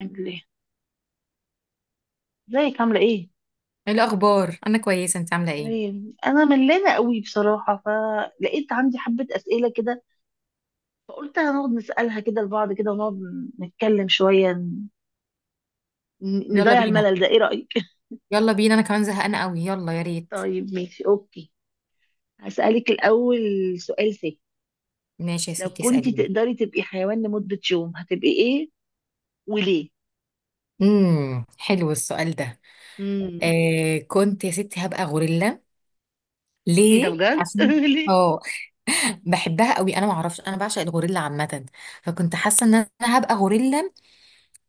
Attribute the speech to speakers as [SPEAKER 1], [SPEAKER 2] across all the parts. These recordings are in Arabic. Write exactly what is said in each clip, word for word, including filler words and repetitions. [SPEAKER 1] عامل ايه؟ ازيك؟ عامله ايه؟
[SPEAKER 2] ايه الاخبار؟ انا كويسه، انت عامله ايه؟
[SPEAKER 1] تمام، انا ملانه قوي بصراحه، فلقيت عندي حبه اسئله كده، فقلت هنقعد نسالها كده لبعض كده، ونقعد نتكلم شويه ن-
[SPEAKER 2] يلا
[SPEAKER 1] نضيع
[SPEAKER 2] بينا.
[SPEAKER 1] الملل ده. ايه رايك؟
[SPEAKER 2] يلا بينا، انا كمان زهقانه قوي، يلا يا ريت.
[SPEAKER 1] طيب ماشي اوكي، هسالك الاول سؤال سهل.
[SPEAKER 2] ماشي يا
[SPEAKER 1] لو
[SPEAKER 2] ستي،
[SPEAKER 1] كنت
[SPEAKER 2] اساليني.
[SPEAKER 1] تقدري تبقي حيوان لمده يوم، هتبقي ايه؟ وليه؟
[SPEAKER 2] امم حلو السؤال ده.
[SPEAKER 1] امم
[SPEAKER 2] آه، كنت يا ستي هبقى غوريلا.
[SPEAKER 1] ايه ده
[SPEAKER 2] ليه؟
[SPEAKER 1] بجد؟
[SPEAKER 2] عشان
[SPEAKER 1] ليه؟
[SPEAKER 2] اه، بحبها قوي، انا ما اعرفش، انا بعشق الغوريلا عامه، فكنت حاسه ان انا هبقى غوريلا.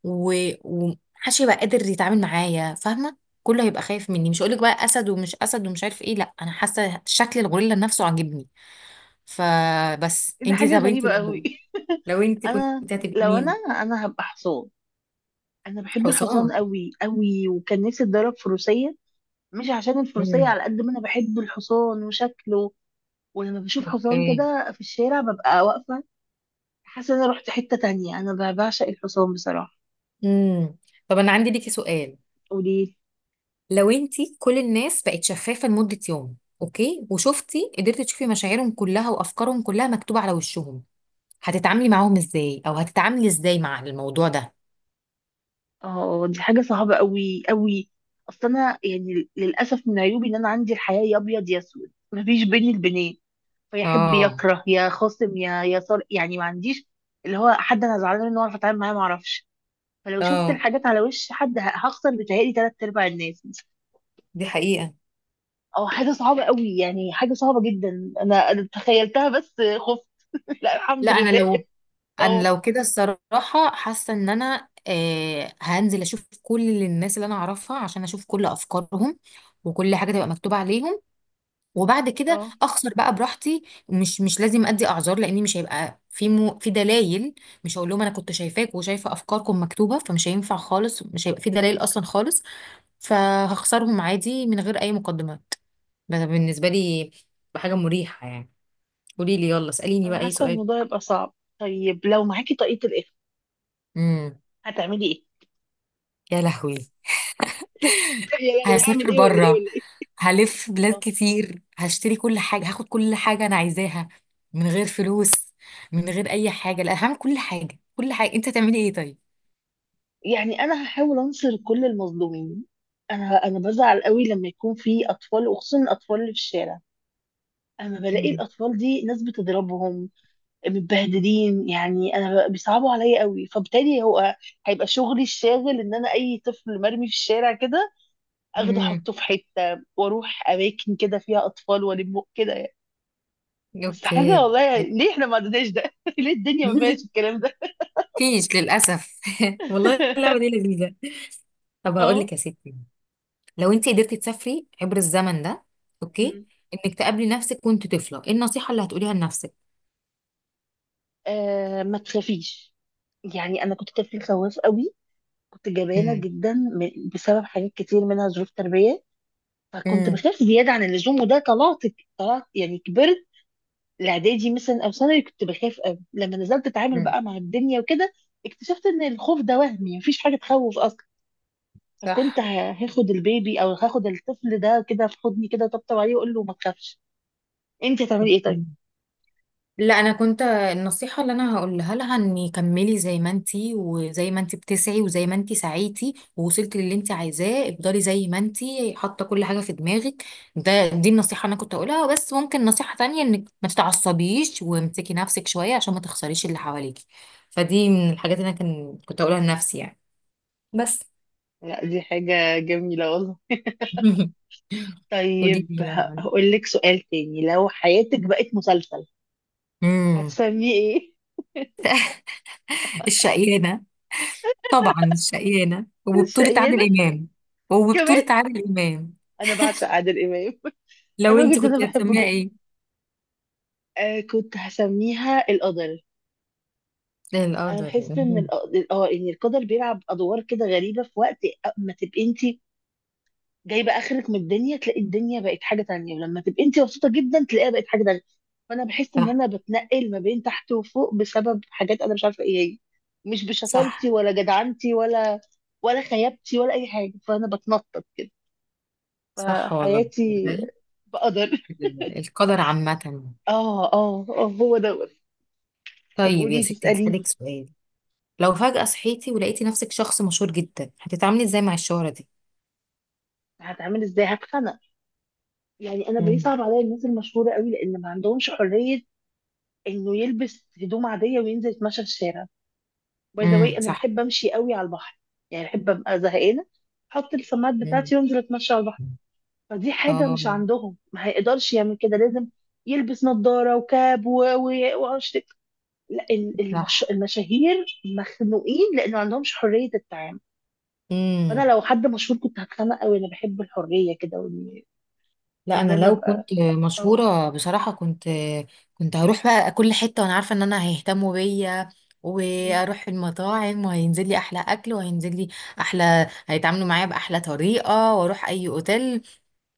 [SPEAKER 2] و... ومحدش يبقى قادر يتعامل معايا، فاهمه؟ كله هيبقى خايف مني. مش هقولك بقى اسد ومش اسد ومش عارف ايه، لا انا حاسه شكل الغوريلا نفسه عاجبني. فبس
[SPEAKER 1] إيه ده؟
[SPEAKER 2] انتي
[SPEAKER 1] حاجه
[SPEAKER 2] طب انتي
[SPEAKER 1] غريبه قوي.
[SPEAKER 2] لو لو انت كنت
[SPEAKER 1] انا؟
[SPEAKER 2] هتبقي
[SPEAKER 1] لو انا
[SPEAKER 2] مين؟
[SPEAKER 1] انا هبقى حصان. انا بحب الحصان
[SPEAKER 2] حصان.
[SPEAKER 1] قوي قوي، وكان نفسي اتدرب فروسيه. مش عشان الفروسية،
[SPEAKER 2] امم.
[SPEAKER 1] على قد ما انا بحب الحصان وشكله. ولما بشوف حصان
[SPEAKER 2] اوكي.
[SPEAKER 1] كده في الشارع ببقى واقفة، حاسة ان انا رحت حتة تانية. انا ب- بعشق الحصان بصراحة.
[SPEAKER 2] امم. طب انا عندي ليكي سؤال.
[SPEAKER 1] وليه؟
[SPEAKER 2] لو انت كل الناس بقت شفافة لمدة يوم، اوكي، وشفتي قدرتي تشوفي مشاعرهم كلها وافكارهم كلها مكتوبة على وشهم، هتتعاملي معاهم ازاي؟ او هتتعاملي ازاي مع الموضوع ده؟
[SPEAKER 1] اه دي حاجة صعبة قوي قوي. اصل انا يعني للأسف من عيوبي ان انا عندي الحياة يا ابيض يا اسود، مفيش بيني البنين. فيحب
[SPEAKER 2] اه.
[SPEAKER 1] يكره، يا خاصم، يا يا صار يعني ما عنديش. اللي هو حد انا زعلانة منه واعرف اتعامل معاه، ما اعرفش. فلو شفت
[SPEAKER 2] اه
[SPEAKER 1] الحاجات على وش حد، ه- هخسر بتهيألي تلات ارباع الناس.
[SPEAKER 2] دي حقيقة.
[SPEAKER 1] اه حاجة صعبة قوي، يعني حاجة صعبة جدا. انا انا تخيلتها بس خفت. لا الحمد
[SPEAKER 2] لا انا
[SPEAKER 1] لله.
[SPEAKER 2] لو، انا
[SPEAKER 1] اه،
[SPEAKER 2] لو كده الصراحه حاسه ان انا آه هنزل اشوف كل الناس اللي انا اعرفها عشان اشوف كل افكارهم، وكل حاجه تبقى مكتوبه عليهم، وبعد كده
[SPEAKER 1] اه.
[SPEAKER 2] اخسر بقى براحتي. مش مش لازم ادي اعذار، لاني مش هيبقى في مو، في دلائل. مش هقول لهم انا كنت شايفاك وشايفه افكاركم مكتوبه، فمش هينفع خالص، مش هيبقى في دلائل اصلا خالص، فهخسرهم عادي من غير اي مقدمات. ده بالنسبه لي حاجه مريحه يعني. قولي لي، يلا اساليني
[SPEAKER 1] انا
[SPEAKER 2] بقى اي
[SPEAKER 1] حاسة
[SPEAKER 2] سؤال.
[SPEAKER 1] الموضوع يبقى صعب. طيب لو معاكي طاقية الإخفاء،
[SPEAKER 2] امم
[SPEAKER 1] هتعملي ايه؟
[SPEAKER 2] يا لهوي.
[SPEAKER 1] يا لهوي! هعمل
[SPEAKER 2] هسافر
[SPEAKER 1] ايه ولا ايه
[SPEAKER 2] بره،
[SPEAKER 1] ولا ايه؟
[SPEAKER 2] هلف بلاد
[SPEAKER 1] اه،
[SPEAKER 2] كتير، هشتري كل حاجة، هاخد كل حاجة أنا عايزاها من غير فلوس، من غير أي حاجة. لا، هعمل كل حاجة، كل حاجة. أنت هتعملي إيه طيب؟
[SPEAKER 1] يعني انا هحاول انصر كل المظلومين. انا انا بزعل قوي لما يكون في اطفال، وخصوصا الاطفال اللي في الشارع، اما بلاقي
[SPEAKER 2] مم.
[SPEAKER 1] الاطفال دي ناس بتضربهم متبهدلين. يعني انا ب- بيصعبوا عليا قوي، فبالتالي هو هيبقى شغلي الشاغل ان انا اي طفل مرمي في الشارع كده اخده
[SPEAKER 2] امم.
[SPEAKER 1] احطه في حته، واروح اماكن كده فيها اطفال والم كده يعني. بس حاجه
[SPEAKER 2] أوكي.
[SPEAKER 1] والله يعني، ليه احنا ما عندناش ده؟ ليه الدنيا ما فيهاش الكلام ده؟
[SPEAKER 2] مفيش للأسف. والله اللعبة دي لذيذة. طب هقول
[SPEAKER 1] اه.
[SPEAKER 2] لك يا ستي، لو أنت قدرتي تسافري عبر الزمن ده، أوكي،
[SPEAKER 1] مم.
[SPEAKER 2] إنك تقابلي نفسك وأنت طفلة، إيه النصيحة اللي هتقوليها لنفسك؟
[SPEAKER 1] آه، ما تخافيش. يعني انا كنت طفل خواف قوي، كنت جبانه
[SPEAKER 2] امم.
[SPEAKER 1] جدا م- بسبب حاجات كتير منها ظروف تربيه، فكنت
[SPEAKER 2] مم.
[SPEAKER 1] بخاف زياده عن اللزوم. وده طلعت، طلعت يعني كبرت. الاعدادي مثلا او ثانوي كنت بخاف قوي. لما نزلت اتعامل
[SPEAKER 2] مم.
[SPEAKER 1] بقى مع الدنيا وكده، اكتشفت ان الخوف ده وهمي، مفيش حاجه تخوف اصلا. فكنت
[SPEAKER 2] صح.
[SPEAKER 1] ه- هاخد البيبي او هاخد الطفل ده كده في حضني كده طبطب عليه واقول له ما تخافش. انت هتعملي ايه طيب؟
[SPEAKER 2] لا، انا كنت النصيحه اللي انا هقولها لها اني كملي زي ما انتي، وزي ما انتي بتسعي، وزي ما انتي سعيتي ووصلتي للي انتي عايزاه، افضلي زي ما انتي حاطه كل حاجه في دماغك. ده دي النصيحه اللي انا كنت هقولها، بس ممكن نصيحه تانية انك ما تتعصبيش وامسكي نفسك شويه عشان ما تخسريش اللي حواليكي. فدي من الحاجات اللي انا كان كنت هقولها لنفسي يعني. بس.
[SPEAKER 1] لا دي حاجه جميله والله.
[SPEAKER 2] ودي؟
[SPEAKER 1] طيب ه- هقول لك سؤال تاني. لو حياتك بقت مسلسل،
[SPEAKER 2] امم.
[SPEAKER 1] هتسميه ايه؟
[SPEAKER 2] الشقيانه. طبعا الشقيانه، وبطوله عادل
[SPEAKER 1] الشقيانة
[SPEAKER 2] امام.
[SPEAKER 1] كمان!
[SPEAKER 2] وبطوله عادل امام.
[SPEAKER 1] انا بعشق عادل امام.
[SPEAKER 2] لو
[SPEAKER 1] الراجل
[SPEAKER 2] انت
[SPEAKER 1] ده انا
[SPEAKER 2] كنت
[SPEAKER 1] بحبه
[SPEAKER 2] هتسميها
[SPEAKER 1] جدا.
[SPEAKER 2] ايه؟
[SPEAKER 1] آه كنت هسميها القدر. أنا
[SPEAKER 2] القدر.
[SPEAKER 1] بحس ان
[SPEAKER 2] مم.
[SPEAKER 1] الق- اه ان القدر بيلعب ادوار كده غريبه، في وقت ما تبقي انت جايبه اخرك من الدنيا تلاقي الدنيا بقت حاجه تانية، ولما تبقي انت مبسوطه جدا تلاقيها بقت حاجه تانية. فانا بحس ان
[SPEAKER 2] صح.
[SPEAKER 1] انا بتنقل ما بين تحت وفوق بسبب حاجات انا مش عارفه ايه هي. مش بشطارتي،
[SPEAKER 2] صح.
[SPEAKER 1] ولا جدعنتي، ولا ولا خيابتي، ولا اي حاجه، فانا بتنطط كده.
[SPEAKER 2] صح والله.
[SPEAKER 1] فحياتي بقدر.
[SPEAKER 2] القدر عامة.
[SPEAKER 1] اه اه اه، هو دوت. طب
[SPEAKER 2] طيب يا
[SPEAKER 1] قولي لي،
[SPEAKER 2] ستي،
[SPEAKER 1] اسالي.
[SPEAKER 2] هسألك سؤال. لو فجأة صحيتي ولقيتي نفسك شخص مشهور جدا، هتتعاملي ازاي مع الشهرة دي؟
[SPEAKER 1] هتعمل ازاي؟ هتخنق. يعني انا
[SPEAKER 2] امم.
[SPEAKER 1] بيصعب عليا الناس المشهوره قوي، لان ما عندهمش حريه انه يلبس هدوم عاديه وينزل يتمشى في الشارع. باي ذا واي،
[SPEAKER 2] امم.
[SPEAKER 1] انا
[SPEAKER 2] صح.
[SPEAKER 1] بحب امشي قوي على البحر، يعني بحب ابقى زهقانه احط السماعات
[SPEAKER 2] امم.
[SPEAKER 1] بتاعتي وانزل اتمشى على البحر. فدي حاجه مش
[SPEAKER 2] اه.
[SPEAKER 1] عندهم، ما هيقدرش يعمل كده، لازم يلبس نظاره وكاب و- و- وعش. لا ال- المش...
[SPEAKER 2] صح.
[SPEAKER 1] المشاهير مخنوقين، لان ما عندهمش حريه التعامل.
[SPEAKER 2] امم.
[SPEAKER 1] فانا لو حد مشهور كنت هتخانق قوي. انا بحب الحريه كده، وإن-
[SPEAKER 2] لا
[SPEAKER 1] ان
[SPEAKER 2] انا
[SPEAKER 1] انا
[SPEAKER 2] لو
[SPEAKER 1] ابقى.
[SPEAKER 2] كنت
[SPEAKER 1] أه.
[SPEAKER 2] مشهوره بصراحه، كنت كنت هروح بقى كل حته وانا عارفه ان انا هيهتموا بيا، واروح المطاعم وهينزل لي احلى اكل، وهينزل لي احلى، هيتعاملوا معايا باحلى طريقه، واروح اي اوتيل.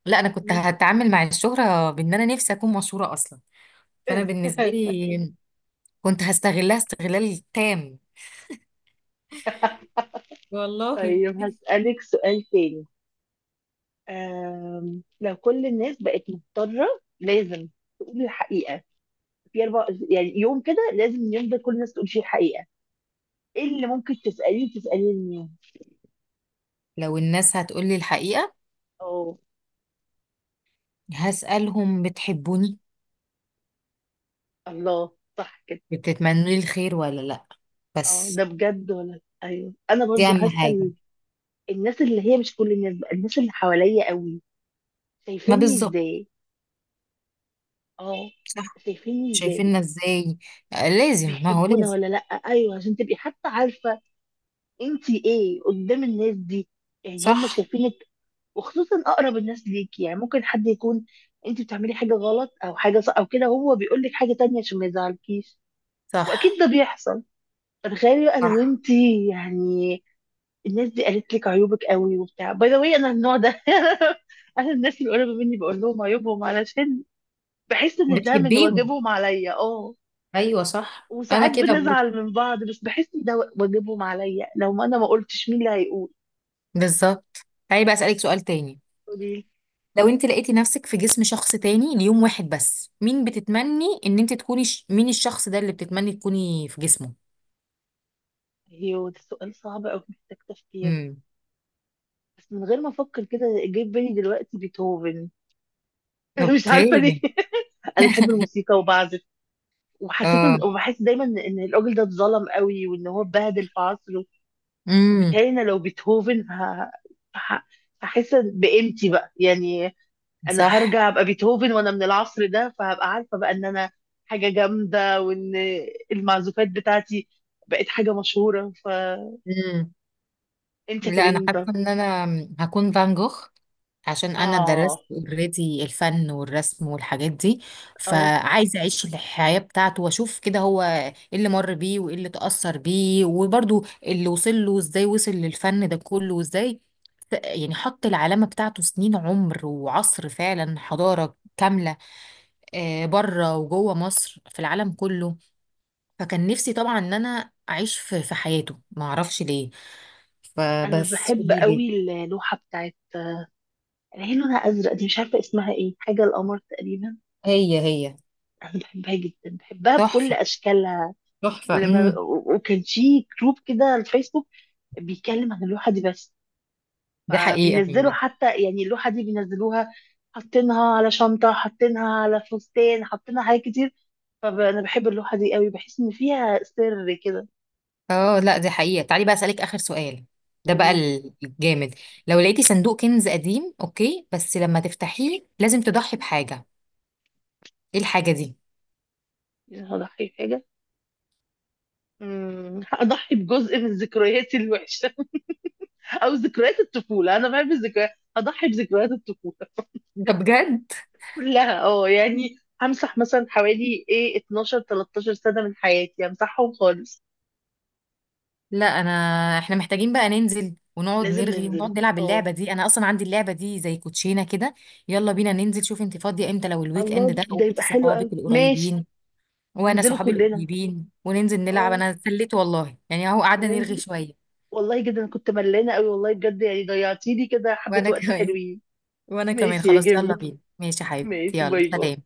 [SPEAKER 2] لا، انا كنت هتعامل مع الشهره بان انا نفسي اكون مشهوره اصلا، فانا بالنسبه لي كنت هستغلها استغلال تام والله.
[SPEAKER 1] طيب هسألك سؤال تاني. آم، لو كل الناس بقت مضطرة لازم تقول الحقيقة، في أربع يعني يوم كده لازم اليوم ده كل الناس تقول فيه الحقيقة، إيه اللي ممكن تسأليه تسأليه اليوم؟
[SPEAKER 2] لو الناس هتقولي الحقيقه،
[SPEAKER 1] اه.
[SPEAKER 2] هسالهم بتحبوني؟
[SPEAKER 1] الله. صح كده.
[SPEAKER 2] بتتمنوا لي الخير ولا لا؟
[SPEAKER 1] اه ده
[SPEAKER 2] بس
[SPEAKER 1] بجد؟ ولا أيوه، أنا
[SPEAKER 2] دي
[SPEAKER 1] برضو
[SPEAKER 2] اهم حاجه.
[SPEAKER 1] هسأل الناس اللي هي مش كل الناس بقى، الناس اللي حواليا قوي،
[SPEAKER 2] ما
[SPEAKER 1] شايفيني
[SPEAKER 2] بالظبط.
[SPEAKER 1] إزاي؟ اه.
[SPEAKER 2] صح.
[SPEAKER 1] شايفيني إزاي؟
[SPEAKER 2] شايفيننا ازاي؟ آه، لازم، ما هو
[SPEAKER 1] بيحبونا
[SPEAKER 2] لازم.
[SPEAKER 1] ولا لأ؟ أيوه، عشان تبقي حتى عارفة أنتي إيه قدام الناس دي. يعني هم
[SPEAKER 2] صح.
[SPEAKER 1] شايفينك، وخصوصا اقرب الناس ليك. يعني ممكن حد يكون انت بتعملي حاجه غلط او حاجه صح او كده هو بيقول لك حاجه تانية عشان ما يزعلكيش. واكيد
[SPEAKER 2] صح.
[SPEAKER 1] ده بيحصل. فتخيلي بقى لو
[SPEAKER 2] صح.
[SPEAKER 1] انت يعني الناس دي قالت لك عيوبك قوي وبتاع. باي ذا واي، انا النوع ده، انا الناس اللي قريبه مني بقول لهم عيوبهم علشان بحس ان ده من
[SPEAKER 2] بتحبيهم.
[SPEAKER 1] واجبهم عليا. اه.
[SPEAKER 2] ايوه صح، انا
[SPEAKER 1] وساعات
[SPEAKER 2] كده برضه.
[SPEAKER 1] بنزعل من بعض بس بحس ان ده واجبهم عليا، لو ما انا ما قلتش مين اللي هيقول؟
[SPEAKER 2] بالظبط. تعالي بقى اسالك سؤال تاني.
[SPEAKER 1] قولي لي.
[SPEAKER 2] لو انت لقيتي نفسك في جسم شخص تاني ليوم واحد بس، مين بتتمني ان انت تكوني ش... مين الشخص ده اللي بتتمني تكوني في جسمه؟
[SPEAKER 1] ايوه ده سؤال صعب قوي، محتاج تفكير.
[SPEAKER 2] امم.
[SPEAKER 1] بس من غير ما افكر كده جه في بالي دلوقتي بيتهوفن. مش عارفه ليه.
[SPEAKER 2] اوكي.
[SPEAKER 1] انا بحب الموسيقى وبعزف. وحسيت إن-
[SPEAKER 2] اه.
[SPEAKER 1] وبحس دايما ان الراجل ده اتظلم قوي، وان هو اتبهدل في عصره.
[SPEAKER 2] امم.
[SPEAKER 1] فبالتالي انا لو بيتهوفن ه- ه- هحس بقيمتي بقى يعني. انا
[SPEAKER 2] صح.
[SPEAKER 1] هرجع ابقى بيتهوفن وانا من العصر ده، فهبقى عارفه بقى ان انا حاجه جامده، وان المعزوفات بتاعتي بقت حاجه مشهوره. فانت
[SPEAKER 2] امم. لا
[SPEAKER 1] هتبقي
[SPEAKER 2] انا
[SPEAKER 1] مين
[SPEAKER 2] حاسه
[SPEAKER 1] طب؟
[SPEAKER 2] ان انا هكون فان جوخ، عشان انا
[SPEAKER 1] اه
[SPEAKER 2] درست اوريدي الفن والرسم والحاجات دي،
[SPEAKER 1] اه.
[SPEAKER 2] فعايزه اعيش الحياه بتاعته، واشوف كده هو ايه اللي مر بيه وايه اللي تاثر بيه، وبرده اللي وصل له ازاي، وصل للفن ده كله وازاي. ف- يعني حط العلامه بتاعته سنين عمر وعصر فعلا، حضاره كامله، آه، بره وجوه مصر في العالم كله. فكان نفسي طبعا ان انا اعيش في في حياته، ما اعرفش ليه،
[SPEAKER 1] انا
[SPEAKER 2] فبس
[SPEAKER 1] بحب
[SPEAKER 2] دي ليه.
[SPEAKER 1] قوي اللوحه بتاعت اللي هي لونها ازرق دي، مش عارفه اسمها ايه، حاجه القمر تقريبا.
[SPEAKER 2] هي هي.
[SPEAKER 1] انا بحبها جدا، بحبها بكل
[SPEAKER 2] تحفه.
[SPEAKER 1] اشكالها.
[SPEAKER 2] تحفه.
[SPEAKER 1] ولما وكان في جروب كده على الفيسبوك بيتكلم عن اللوحه دي بس.
[SPEAKER 2] دي حقيقة
[SPEAKER 1] فبينزلوا
[SPEAKER 2] عامة.
[SPEAKER 1] حتى يعني اللوحه دي بينزلوها، حاطينها على شنطه، حاطينها على فستان، حاطينها حاجات كتير. فانا بحب اللوحه دي قوي، بحس ان فيها سر كده.
[SPEAKER 2] اه لا دي حقيقة. تعالي بقى أسألك آخر سؤال، ده بقى
[SPEAKER 1] قولي
[SPEAKER 2] ال- الجامد. لو لقيتي صندوق كنز قديم، اوكي، بس لما تفتحيه لازم تضحي بحاجة، ايه الحاجة دي؟
[SPEAKER 1] لي. هضحي بحاجه. أمم، هضحي بجزء من ذكرياتي الوحشه. او ذكريات الطفوله، انا بحب الذكريات. هضحي بذكريات الطفوله
[SPEAKER 2] ده بجد؟
[SPEAKER 1] كلها. اه يعني همسح مثلا حوالي ايه اتناشر 13 سنة من حياتي، همسحهم خالص.
[SPEAKER 2] لا انا، احنا محتاجين بقى ننزل ونقعد
[SPEAKER 1] لازم
[SPEAKER 2] نرغي
[SPEAKER 1] ننزل.
[SPEAKER 2] ونقعد نلعب
[SPEAKER 1] اه
[SPEAKER 2] اللعبة دي، انا اصلا عندي اللعبة دي زي كوتشينة كده. يلا بينا ننزل، شوف انت فاضية امتى، لو الويك
[SPEAKER 1] الله
[SPEAKER 2] اند ده،
[SPEAKER 1] ده يبقى
[SPEAKER 2] وجبتي
[SPEAKER 1] حلو قوي،
[SPEAKER 2] صحابك
[SPEAKER 1] ماشي.
[SPEAKER 2] القريبين وانا
[SPEAKER 1] ننزله
[SPEAKER 2] صحابي
[SPEAKER 1] كلنا.
[SPEAKER 2] القريبين وننزل نلعب.
[SPEAKER 1] اه.
[SPEAKER 2] انا اتسليت والله يعني، اهو قعدنا نرغي
[SPEAKER 1] ننزل.
[SPEAKER 2] شوية.
[SPEAKER 1] والله جدا أنا كنت ملانة قوي والله بجد، يعني ضيعتي لي كده حبة
[SPEAKER 2] وانا
[SPEAKER 1] وقت
[SPEAKER 2] كمان،
[SPEAKER 1] حلوين.
[SPEAKER 2] وانا كمان.
[SPEAKER 1] ماشي يا
[SPEAKER 2] خلاص، يلا
[SPEAKER 1] جميل.
[SPEAKER 2] بينا، ماشي يا حبيبتي،
[SPEAKER 1] ماشي.
[SPEAKER 2] يلا
[SPEAKER 1] باي باي.
[SPEAKER 2] سلام.